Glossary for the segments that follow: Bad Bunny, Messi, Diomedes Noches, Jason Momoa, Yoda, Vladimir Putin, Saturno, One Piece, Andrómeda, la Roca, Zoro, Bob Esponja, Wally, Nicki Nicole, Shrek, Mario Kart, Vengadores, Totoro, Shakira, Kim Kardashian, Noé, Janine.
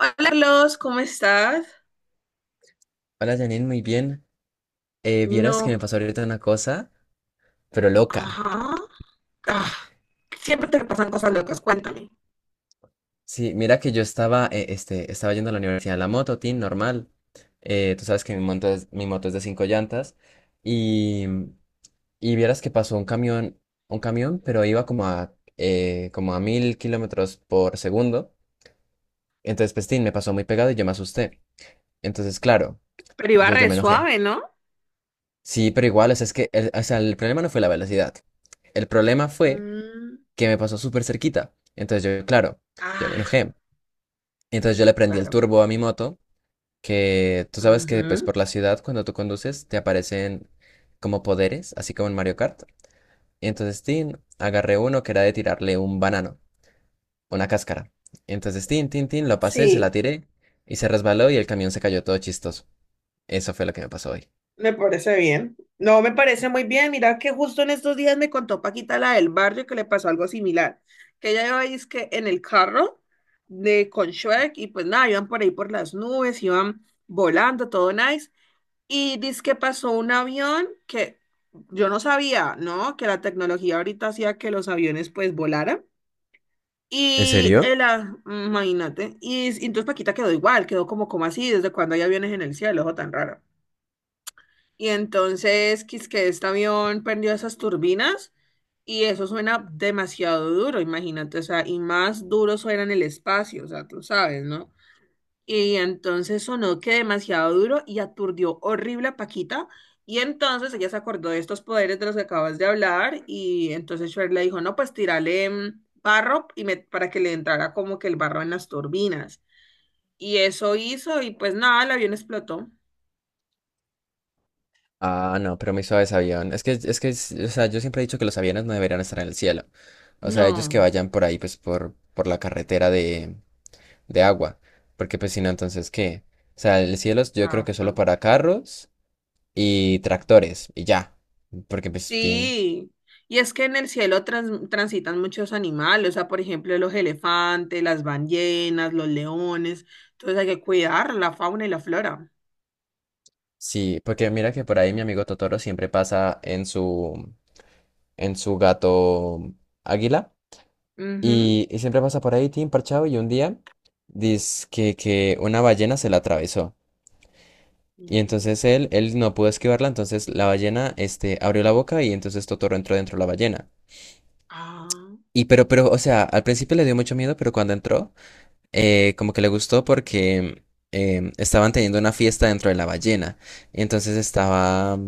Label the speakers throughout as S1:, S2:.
S1: Hola Carlos, ¿cómo estás?
S2: Hola Janine, muy bien. Vieras que me
S1: No.
S2: pasó ahorita una cosa, pero loca.
S1: Ajá. Ah, siempre te pasan cosas locas, cuéntame.
S2: Sí, mira que yo estaba, estaba yendo a la universidad en la moto, tin, normal. Tú sabes que mi moto es de 5 llantas. Y, y vieras que pasó un camión, pero iba como a como a 1000 kilómetros por segundo. Entonces, pues, tin, me pasó muy pegado y yo me asusté. Entonces, claro,
S1: Pero iba
S2: yo
S1: re
S2: me enojé.
S1: suave, ¿no?
S2: Sí, pero igual, o sea, o sea, el problema no fue la velocidad. El problema fue
S1: Mm,
S2: que me pasó súper cerquita. Entonces yo, claro, yo me
S1: ah,
S2: enojé. Entonces yo le prendí el
S1: claro.
S2: turbo a mi moto, que tú sabes que pues
S1: Ujú.
S2: por la ciudad cuando tú conduces te aparecen como poderes, así como en Mario Kart. Y entonces, tin, agarré uno que era de tirarle un banano, una cáscara. Entonces, tin, tin, tin, lo pasé, se la
S1: Sí,
S2: tiré y se resbaló y el camión se cayó todo chistoso. Eso fue lo que me pasó hoy.
S1: me parece bien. No, me parece muy bien. Mira que justo en estos días me contó Paquita, la del barrio, que le pasó algo similar. Que ella iba es que en el carro de con Shrek y pues nada, iban por ahí por las nubes, iban volando, todo nice. Y dice que pasó un avión que yo no sabía, ¿no? Que la tecnología ahorita hacía que los aviones pues volaran.
S2: ¿En
S1: Y
S2: serio?
S1: el, imagínate, y, y entonces Paquita quedó igual, quedó como, ¿como así? ¿Desde cuando hay aviones en el cielo? Ojo, tan raro. Y entonces, quis que este avión perdió esas turbinas y eso suena demasiado duro, imagínate, o sea, y más duro suena en el espacio, o sea, tú sabes, ¿no? Y entonces sonó que demasiado duro y aturdió horrible a Paquita. Y entonces ella se acordó de estos poderes de los que acabas de hablar. Y entonces Shrek le dijo, no, pues tírale barro y para que le entrara como que el barro en las turbinas. Y eso hizo y pues nada, el avión explotó.
S2: Ah, no, pero muy suaves avión. O sea, yo siempre he dicho que los aviones no deberían estar en el cielo. O sea, ellos que
S1: No,
S2: vayan por ahí, pues, por la carretera de agua. Porque, pues, si no, entonces, ¿qué? O sea, yo creo que solo
S1: exacto.
S2: para carros y tractores, y ya. Porque, pues, tienen...
S1: Sí, y es que en el cielo transitan muchos animales, o sea, por ejemplo, los elefantes, las ballenas, los leones, entonces hay que cuidar la fauna y la flora.
S2: Sí, porque mira que por ahí mi amigo Totoro siempre pasa en su gato águila.
S1: Ujú.
S2: Y siempre pasa por ahí, Tim, parchado, y un día dice que una ballena se la atravesó. Y
S1: Ujú.
S2: entonces él no pudo esquivarla, entonces la ballena, este, abrió la boca y entonces Totoro entró dentro de la ballena.
S1: Ah.
S2: O sea, al principio le dio mucho miedo, pero cuando entró, como que le gustó porque estaban teniendo una fiesta dentro de la ballena. Y entonces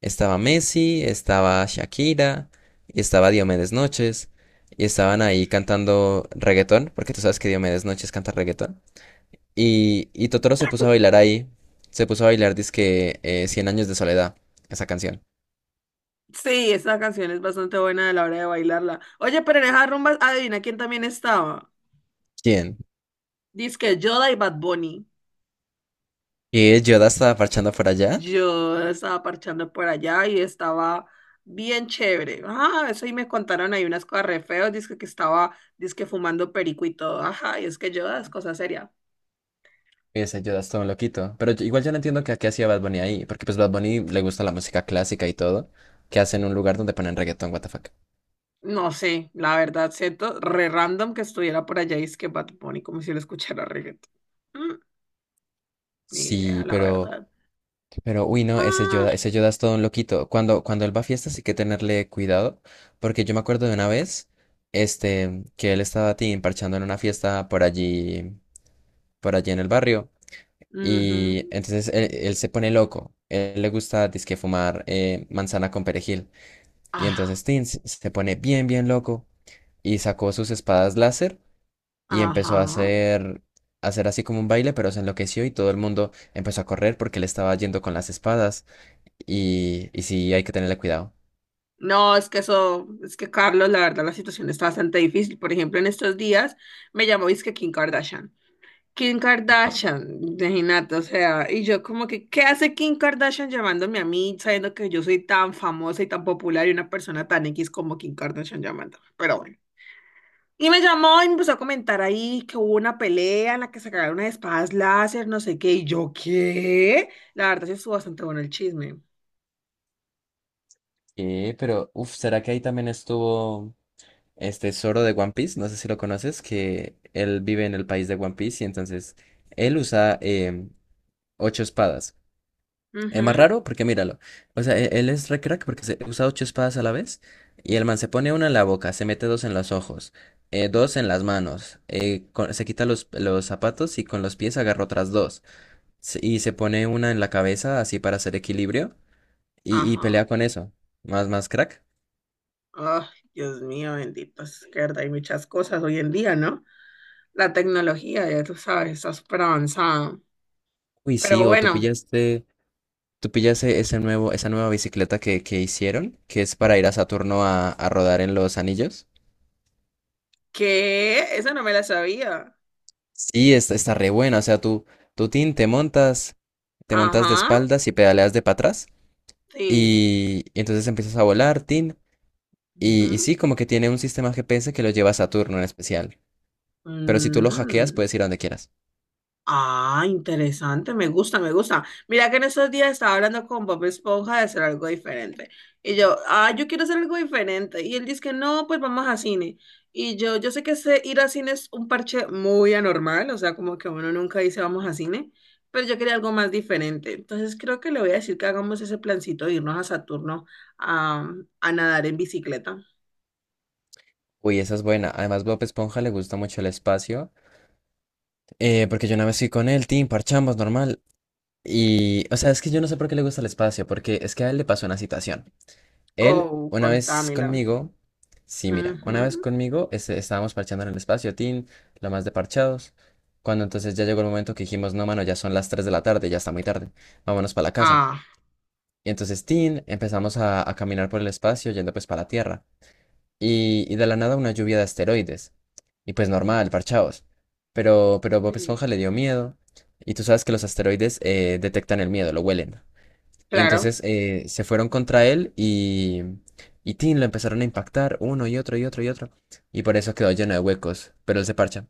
S2: estaba Messi, estaba Shakira, y estaba Diomedes Noches, y estaban ahí cantando reggaetón, porque tú sabes que Diomedes Noches canta reggaetón. Y Totoro se puso a bailar ahí. Se puso a bailar, dizque 100 años de soledad, esa canción.
S1: Sí, esta canción es bastante buena a la hora de bailarla. Oye, pero en esas rumbas, adivina quién también estaba.
S2: ¿Quién?
S1: Dice Yoda y Bad Bunny.
S2: ¿Y Yoda estaba parchando por allá?
S1: Yo estaba parchando por allá y estaba bien chévere. Ah, eso y me contaron ahí unas cosas re feas. Dice que estaba, dice fumando perico y todo. Ajá, y es que Yoda es cosa seria.
S2: Ese Yoda es todo un loquito. Pero igual yo no entiendo
S1: Sí.
S2: qué hacía Bad Bunny ahí, porque pues Bad Bunny le gusta la música clásica y todo, que hace en un lugar donde ponen reggaetón, what the fuck.
S1: No sé, la verdad, siento re random que estuviera por allá y es que Bad Bunny, como si lo escuchara reggaetón. Mm, ni idea,
S2: Sí,
S1: la
S2: pero,
S1: verdad.
S2: pero, uy, no,
S1: Ah,
S2: Ese Yoda es todo un loquito. Cuando él va a fiestas hay que tenerle cuidado, porque yo me acuerdo de una vez, que él estaba tin, parchando en una fiesta por allí en el barrio.
S1: ujú.
S2: Y entonces él se pone loco. Él le gusta dizque fumar manzana con perejil. Y
S1: Ah,
S2: entonces Tin se pone bien loco y sacó sus espadas láser y empezó
S1: ajá.
S2: a hacer así como un baile, pero se enloqueció y todo el mundo empezó a correr porque él estaba yendo con las espadas. Y sí, hay que tenerle cuidado.
S1: No, es que eso, es que Carlos, la verdad, la situación está bastante difícil. Por ejemplo, en estos días me llamó, es que Kim Kardashian. Kim
S2: Ajá.
S1: Kardashian, imagínate, o sea, y yo como que, ¿qué hace Kim Kardashian llamándome a mí, sabiendo que yo soy tan famosa y tan popular y una persona tan X como Kim Kardashian llamándome? Pero bueno. Y me llamó y me empezó a comentar ahí que hubo una pelea en la que se cagaron unas espadas láser, no sé qué, y yo, ¿qué? La verdad, sí estuvo bastante bueno el chisme.
S2: ¿Será que ahí también estuvo este Zoro de One Piece? No sé si lo conoces, que él vive en el país de One Piece y entonces él usa 8 espadas. Es más
S1: Ujú,
S2: raro porque míralo. O sea, él es re crack porque se usa 8 espadas a la vez. Y el man se pone una en la boca, se mete dos en los ojos, dos en las manos. Se quita los zapatos y con los pies agarra otras dos. Y se pone una en la cabeza así para hacer equilibrio. Y
S1: ajá.
S2: pelea con eso. Más crack.
S1: Oh, Dios mío, bendito, es que verdad hay muchas cosas hoy en día, ¿no? La tecnología, ya tú sabes, está súper avanzada.
S2: Uy, sí,
S1: Pero bueno,
S2: tú pillaste esa nueva bicicleta que hicieron, que es para ir a Saturno a rodar en los anillos.
S1: que esa no me la sabía.
S2: Sí, está re buena. O sea, tú tin, te montas de
S1: Ajá,
S2: espaldas y pedaleas de para atrás.
S1: sí.
S2: Y entonces empiezas a volar, tin. Y
S1: Ujú.
S2: sí, como que tiene un sistema GPS que lo lleva a Saturno en especial. Pero si tú lo hackeas,
S1: Mm.
S2: puedes ir a donde quieras.
S1: Ah, interesante, me gusta, me gusta. Mira que en estos días estaba hablando con Bob Esponja de hacer algo diferente. Y yo, ah, yo quiero hacer algo diferente. Y él dice que no, pues vamos a cine. Y yo sé que ese ir a cine es un parche muy anormal, o sea, como que uno nunca dice vamos a cine, pero yo quería algo más diferente. Entonces creo que le voy a decir que hagamos ese plancito de irnos a Saturno a, a nadar en bicicleta.
S2: Uy, esa es buena. Además, Bob Esponja le gusta mucho el espacio. Porque yo una vez fui con él, tin, parchamos, normal. Y, o sea, es que yo no sé por qué le gusta el espacio, porque es que a él le pasó una situación. Él,
S1: Oh,
S2: una vez
S1: contámela.
S2: conmigo, sí, mira, una vez
S1: Ujú.
S2: conmigo estábamos parchando en el espacio, Tin, lo más de parchados. Cuando entonces ya llegó el momento que dijimos, no, mano, ya son las 3 de la tarde, ya está muy tarde, vámonos para la casa.
S1: Ah,
S2: Y entonces, Tin, empezamos a caminar por el espacio, yendo pues para la Tierra. Y de la nada una lluvia de asteroides. Y pues normal, parchados. Pero Bob
S1: sí,
S2: Esponja le dio miedo. Y tú sabes que los asteroides detectan el miedo, lo huelen. Y
S1: claro.
S2: entonces se fueron contra él y tin, lo empezaron a impactar uno y otro y otro y otro. Y por eso quedó lleno de huecos. Pero él se parcha.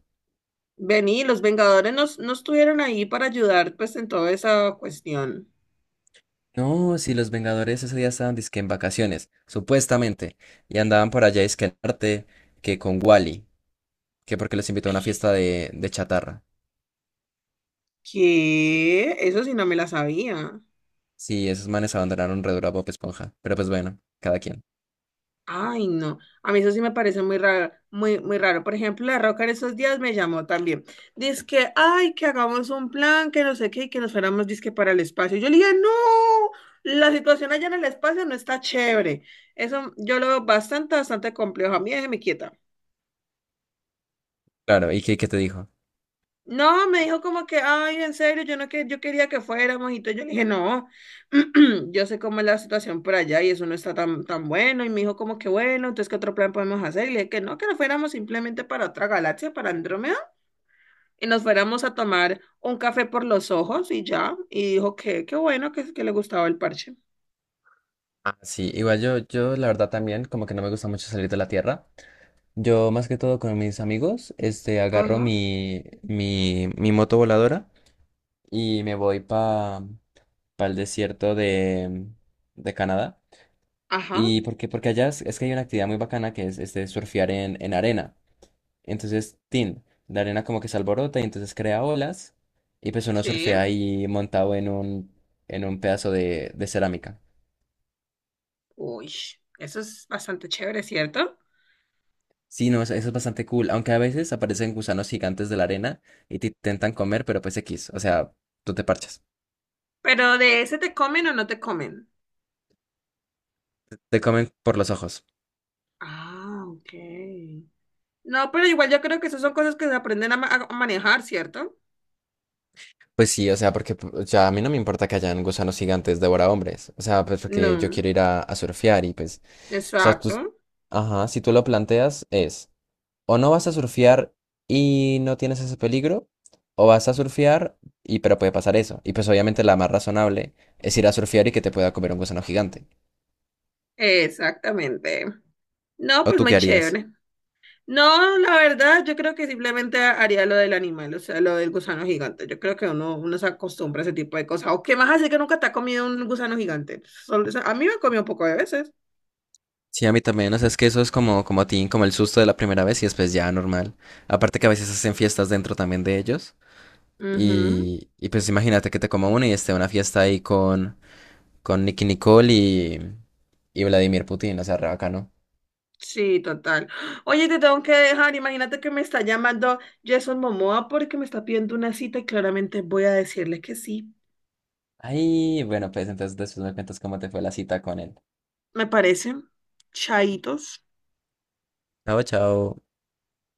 S1: Vení, los Vengadores nos, no estuvieron ahí para ayudar pues en toda esa cuestión.
S2: No, si los Vengadores ese día estaban disque en vacaciones, supuestamente. Y andaban por allá disque en arte, que con Wally, que porque los invitó a una fiesta de chatarra.
S1: ¿Qué? Eso sí no me la sabía.
S2: Sí, esos manes abandonaron Redura Bob Esponja. Pero pues bueno, cada quien.
S1: Ay, no. A mí eso sí me parece muy raro, muy, muy raro. Por ejemplo, la Roca en esos días me llamó también. Dice que, ay, que hagamos un plan, que no sé qué, y que nos fuéramos, dizque para el espacio. Yo le dije, no, la situación allá en el espacio no está chévere. Eso yo lo veo bastante, bastante complejo. A mí déjeme quieta.
S2: Claro, ¿y qué te dijo?
S1: No, me dijo como que, ay, en serio, yo no que yo quería que fuéramos y todo. Yo le dije, no, yo sé cómo es la situación por allá y eso no está tan, tan bueno. Y me dijo como que, bueno, entonces, ¿qué otro plan podemos hacer? Y le dije que no, que nos fuéramos simplemente para otra galaxia, para Andrómeda, y nos fuéramos a tomar un café por los ojos y ya. Y dijo que, qué bueno, que le gustaba el parche.
S2: Ah, sí, yo la verdad también, como que no me gusta mucho salir de la Tierra. Yo más que todo con mis amigos, agarro
S1: Ajá,
S2: mi moto voladora y me voy para el desierto de Canadá.
S1: ajá,
S2: ¿Y por qué? Porque es que hay una actividad muy bacana que es surfear en arena. Entonces, tin, la arena como que se alborota y entonces crea olas y pues uno
S1: sí.
S2: surfea ahí montado en un pedazo de cerámica.
S1: Uy, eso es bastante chévere, ¿cierto?
S2: Sí, no, eso es bastante cool, aunque a veces aparecen gusanos gigantes de la arena y te intentan comer, pero pues X, o sea, tú te parchas.
S1: Pero de ese te comen o no te comen.
S2: Te comen por los ojos.
S1: Ah, ok. No, pero igual yo creo que esas son cosas que se aprenden a, a manejar, ¿cierto?
S2: Pues sí, o sea, porque o sea, a mí no me importa que hayan gusanos gigantes devora hombres. O sea, pues porque yo
S1: No,
S2: quiero ir a surfear y pues, o sea, tú,
S1: exacto,
S2: ajá, si tú lo planteas es, o no vas a surfear y no tienes ese peligro, o vas a surfear y pero puede pasar eso. Y pues obviamente la más razonable es ir a surfear y que te pueda comer un gusano gigante.
S1: exactamente. No,
S2: ¿O
S1: pues
S2: tú
S1: muy
S2: qué harías?
S1: chévere. No, la verdad, yo creo que simplemente haría lo del animal, o sea, lo del gusano gigante. Yo creo que uno, uno se acostumbra a ese tipo de cosas. ¿O qué más hace que nunca te ha comido un gusano gigante? O sea, a mí me ha comido un poco de veces.
S2: Sí, a mí también, o sea, es que eso es como, como a ti, como el susto de la primera vez y después ya normal. Aparte que a veces hacen fiestas dentro también de ellos.
S1: Ujú,
S2: Y pues imagínate que te coma uno y esté una fiesta ahí con Nicki Nicole y Vladimir Putin, o sea, re bacano.
S1: sí, total. Oye, te tengo que dejar. Imagínate que me está llamando Jason Momoa porque me está pidiendo una cita y claramente voy a decirle que sí.
S2: Ay, bueno, pues entonces después me cuentas cómo te fue la cita con él.
S1: Me parecen. Chaitos.
S2: Chao, chao.